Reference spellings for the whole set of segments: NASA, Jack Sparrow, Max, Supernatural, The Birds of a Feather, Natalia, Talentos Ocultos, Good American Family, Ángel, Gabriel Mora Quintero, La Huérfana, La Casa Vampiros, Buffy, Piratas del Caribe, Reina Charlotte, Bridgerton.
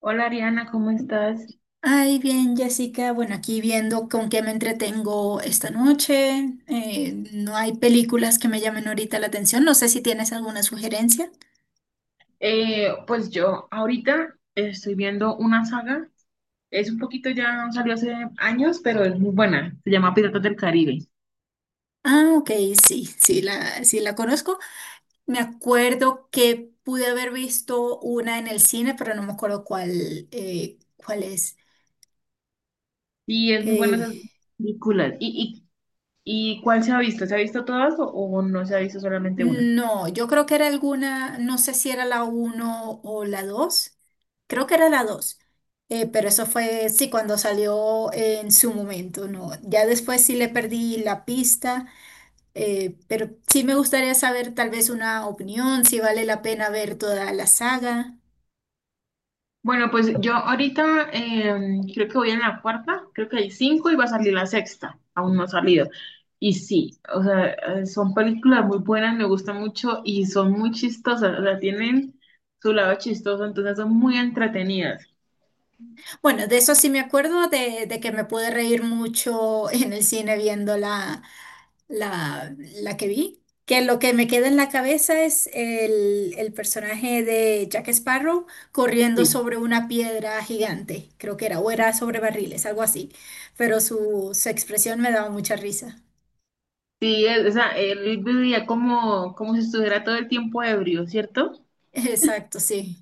Hola Ariana, ¿cómo estás? Ay, bien, Jessica. Bueno, aquí viendo con qué me entretengo esta noche. No hay películas que me llamen ahorita la atención. No sé si tienes alguna sugerencia. Pues yo ahorita estoy viendo una saga, es un poquito ya salió hace años, pero es muy buena, se llama Piratas del Caribe Ah, ok, sí, sí la conozco. Me acuerdo que pude haber visto una en el cine, pero no me acuerdo cuál es. y es muy buena Eh, esa película. ¿Y cuál se ha visto? ¿Se ha visto todas o no se ha visto solamente una? No, yo creo que era alguna, no sé si era la uno o la 2. Creo que era la dos. Pero eso fue, sí, cuando salió en su momento, ¿no? Ya después sí le perdí la pista, pero sí me gustaría saber tal vez una opinión, si vale la pena ver toda la saga. Bueno, pues yo ahorita creo que voy en la cuarta, creo que hay cinco y va a salir la sexta, aún no ha salido. Y sí, o sea, son películas muy buenas, me gustan mucho y son muy chistosas, o sea, tienen su lado chistoso, entonces son muy entretenidas. Bueno, de eso sí me acuerdo, de que me pude reír mucho en el cine viéndola. La que vi, que lo que me queda en la cabeza es el personaje de Jack Sparrow corriendo Sí, sobre una piedra gigante, creo que era, o era sobre barriles, algo así, pero su expresión me daba mucha risa. sí, o sea, él vivía como si estuviera todo el tiempo ebrio, ¿cierto? Exacto, sí.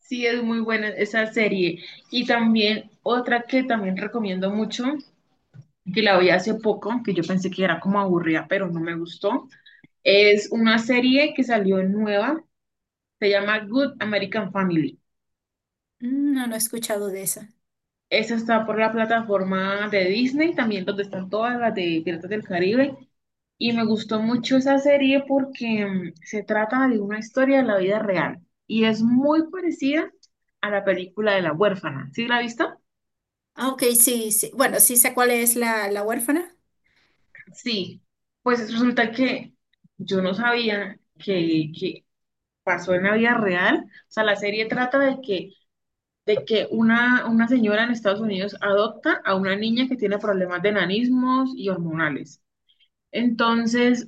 Sí, es muy buena esa serie. Y también otra que también recomiendo mucho, que la vi hace poco, que yo pensé que era como aburrida, pero no me gustó. Es una serie que salió nueva, se llama Good American Family. Mm. No, no he escuchado de esa. Esa está por la plataforma de Disney, también donde están todas las de Piratas del Caribe. Y me gustó mucho esa serie porque se trata de una historia de la vida real y es muy parecida a la película de La Huérfana. ¿Sí la has visto? Ah, ok, sí, sí. Bueno, sí sé cuál es la huérfana. Sí, pues resulta que yo no sabía que pasó en la vida real. O sea, la serie trata de que una señora en Estados Unidos adopta a una niña que tiene problemas de enanismos y hormonales. Entonces,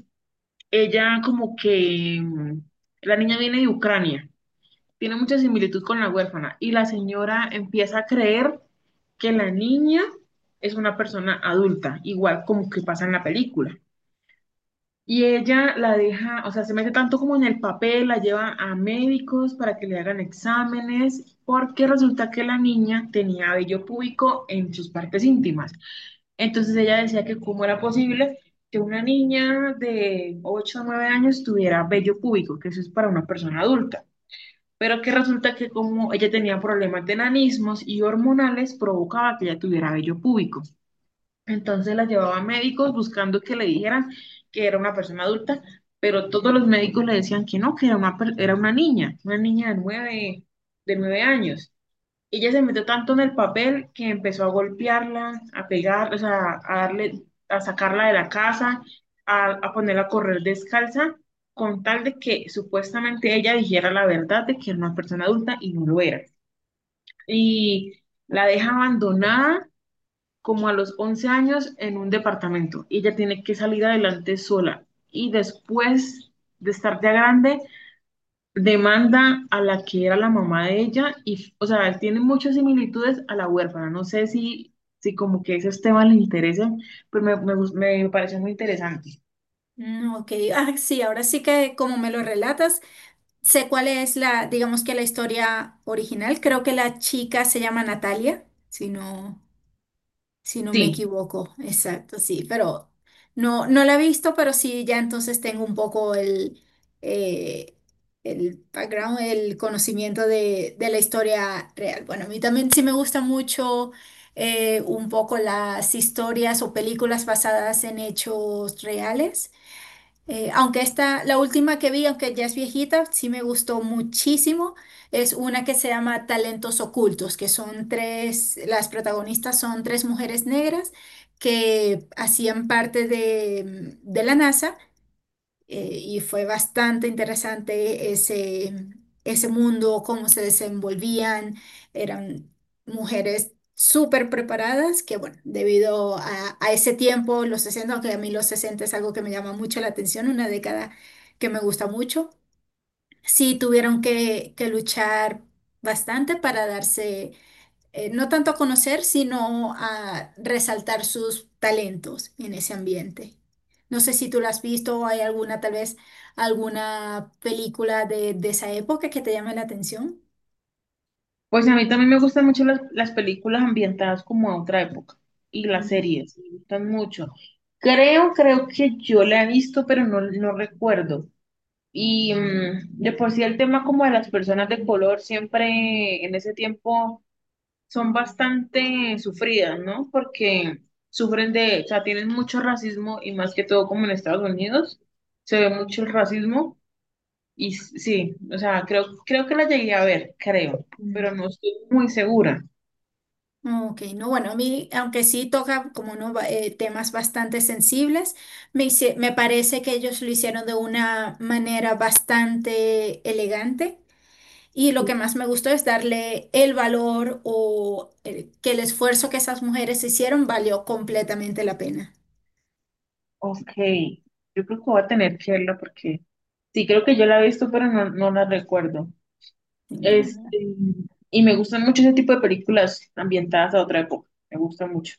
ella como que, la niña viene de Ucrania, tiene mucha similitud con la huérfana y la señora empieza a creer que la niña es una persona adulta, igual como que pasa en la película. Y ella la deja, o sea, se mete tanto como en el papel, la lleva a médicos para que le hagan exámenes, porque resulta que la niña tenía vello púbico en sus partes íntimas. Entonces ella decía que cómo era posible que una niña de 8 o 9 años tuviera vello púbico, que eso es para una persona adulta, pero que resulta que como ella tenía problemas de nanismos y hormonales, provocaba que ella tuviera vello púbico. Entonces la llevaba a médicos buscando que le dijeran que era una persona adulta, pero todos los médicos le decían que no, que era era una niña de nueve años. Ella se metió tanto en el papel que empezó a golpearla, a pegar, o sea, a darle, a sacarla de la casa, a ponerla a correr descalza, con tal de que supuestamente ella dijera la verdad de que era una persona adulta y no lo era. Y la deja abandonada como a los 11 años en un departamento. Y ella tiene que salir adelante sola. Y después de estar ya grande, demanda a la que era la mamá de ella. Y, o sea, tiene muchas similitudes a la huérfana. No sé si como que esos temas le interesan, pero me parece muy interesante. Mm, ok, ah, sí, ahora sí que como me lo relatas, sé cuál es la, digamos que la historia original. Creo que la chica se llama Natalia, si no me Sí, equivoco. Exacto, sí, pero no, no la he visto, pero sí, ya entonces tengo un poco eh, el background, el conocimiento de la historia real. Bueno, a mí también sí me gusta mucho un poco las historias o películas basadas en hechos reales. Aunque esta, la última que vi, aunque ya es viejita, sí me gustó muchísimo. Es una que se llama Talentos Ocultos, que son tres, las protagonistas son tres mujeres negras que hacían parte de la NASA y fue bastante interesante ese mundo, cómo se desenvolvían. Eran mujeres súper preparadas que, bueno, debido a ese tiempo, los 60, aunque a mí los 60 es algo que me llama mucho la atención, una década que me gusta mucho, sí tuvieron que luchar bastante para darse no tanto a conocer, sino a resaltar sus talentos en ese ambiente. No sé si tú lo has visto o hay alguna, tal vez, alguna película de esa época que te llame la atención. pues a mí también me gustan mucho las películas ambientadas como a otra época. Y las Mm, series, me gustan mucho. Creo que yo la he visto, pero no recuerdo. Y de por sí el tema como de las personas de color siempre en ese tiempo son bastante sufridas, ¿no? Porque sufren de, o sea, tienen mucho racismo y más que todo como en Estados Unidos se ve mucho el racismo y sí, o sea, creo que la llegué a ver, creo, mm. pero no estoy muy segura. Ok, no, bueno, a mí, aunque sí toca como no, temas bastante sensibles, me parece que ellos lo hicieron de una manera bastante elegante. Y lo que más me gustó es darle el valor o que el esfuerzo que esas mujeres hicieron valió completamente la pena. Ok, yo creo que voy a tener que verla porque sí, creo que yo la he visto, pero no la recuerdo. Sí, ¿verdad? Este, y me gustan mucho ese tipo de películas ambientadas a otra época. Me gustan mucho.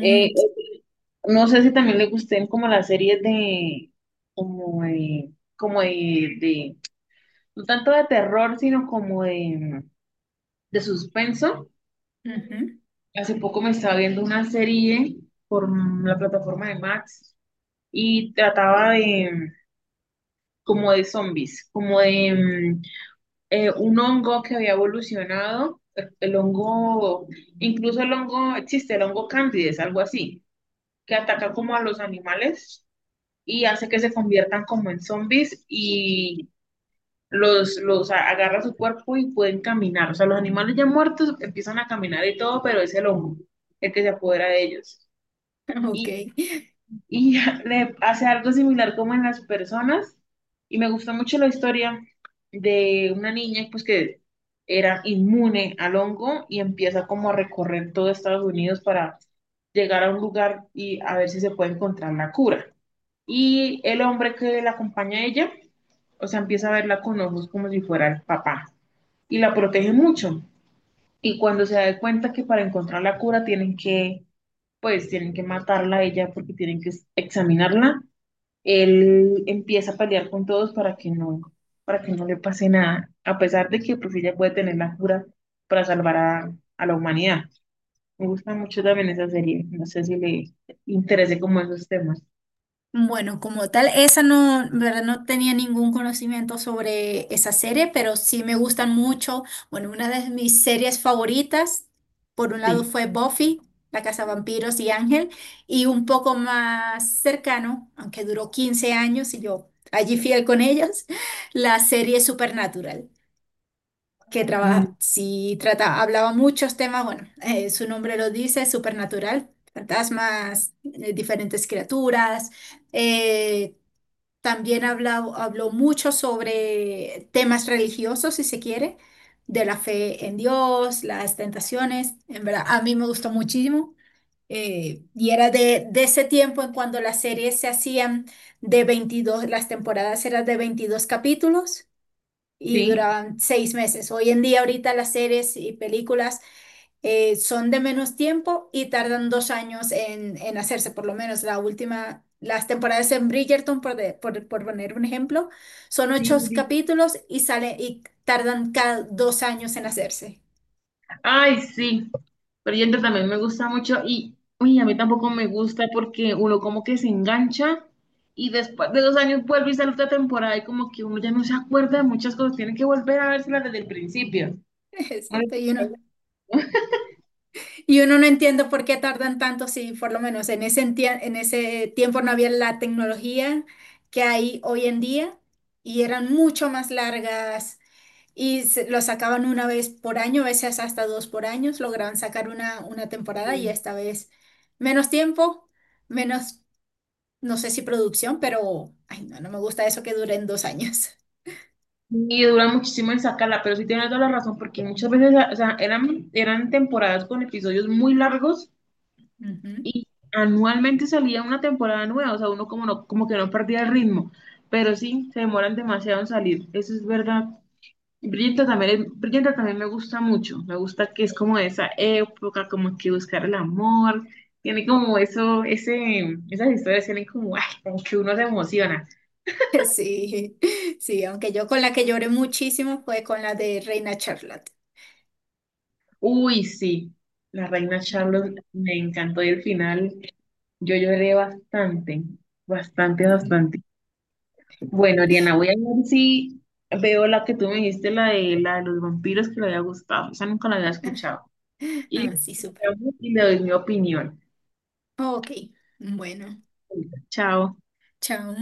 Eh, eh, no sé si también le gusten como las series de, como de, como de- no tanto de terror, sino como de suspenso. ujú. Hace poco me estaba viendo una serie por la plataforma de Max y trataba de, como de zombies, como de, un hongo que había evolucionado, el hongo, incluso el hongo, existe el hongo candides, algo así, que ataca como a los animales y hace que se conviertan como en zombies y agarra su cuerpo y pueden caminar. O sea, los animales ya muertos empiezan a caminar y todo, pero es el hongo el que se apodera de ellos Ok. y le hace algo similar como en las personas. Y me gustó mucho la historia de una niña pues que era inmune al hongo y empieza como a recorrer todo Estados Unidos para llegar a un lugar y a ver si se puede encontrar la cura. Y el hombre que la acompaña a ella, o sea, empieza a verla con ojos como si fuera el papá y la protege mucho. Y cuando se da cuenta que para encontrar la cura tienen que matarla a ella porque tienen que examinarla, él empieza a pelear con todos para que no, le pase nada, a pesar de que pues ella puede tener la cura para salvar a la humanidad. Me gusta mucho también esa serie. No sé si le interese como esos temas. Bueno, como tal, esa no, en verdad no tenía ningún conocimiento sobre esa serie, pero sí me gustan mucho. Bueno, una de mis series favoritas, por un lado Sí. fue Buffy, La Casa Vampiros y Ángel, y un poco más cercano, aunque duró 15 años y yo allí fiel con ellos, la serie Supernatural, que Mm, trabaja, sí trata, hablaba muchos temas, bueno, su nombre lo dice, Supernatural, fantasmas, diferentes criaturas, eh, también habló mucho sobre temas religiosos, si se quiere, de la fe en Dios, las tentaciones. En verdad, a mí me gustó muchísimo. Y era de ese tiempo en cuando las series se hacían de 22 las temporadas eran de 22 capítulos y sí. duraban 6 meses. Hoy en día, ahorita las series y películas son de menos tiempo y tardan 2 años en, hacerse, por lo menos la última, las temporadas en Bridgerton, por poner un ejemplo, son ocho Sí, sí. capítulos y sale, y tardan cada 2 años en hacerse. Ay, sí. Pero Yendo también me gusta mucho y uy, a mí tampoco me gusta porque uno como que se engancha y después de 2 años vuelve y sale otra temporada y como que uno ya no se acuerda de muchas cosas. Tiene que volver a vérselas desde el principio. Exacto, y uno no entiende por qué tardan tanto si por lo menos en ese tiempo no había la tecnología que hay hoy en día y eran mucho más largas. Lo sacaban una vez por año, a veces hasta dos por año, lograban sacar una temporada y Sí. esta vez menos tiempo, menos, no sé si producción, pero, ay, no, no me gusta eso que duren 2 años. Y dura muchísimo en sacarla, pero sí tiene toda la razón, porque muchas veces, o sea, eran temporadas con episodios muy largos Ujú. y anualmente salía una temporada nueva, o sea, uno como, no, como que no perdía el ritmo, pero sí, se demoran demasiado en salir, eso es verdad. Bridgerton también me gusta mucho, me gusta que es como esa época, como que buscar el amor, tiene como esas historias tienen como, ay, como que uno se emociona. Sí, sí, aunque yo con la que lloré muchísimo fue con la de Reina Charlotte. Uy, sí, la reina Ujú. Charlotte me encantó y el final yo lloré bastante, bastante, bastante. Bueno, Ariana, voy a ver si veo la que tú me dijiste, la de, los vampiros que le había gustado. Esa nunca la había escuchado. Y, Ah, sí, súper. y le doy mi opinión. Ok, bueno, Chao. chao.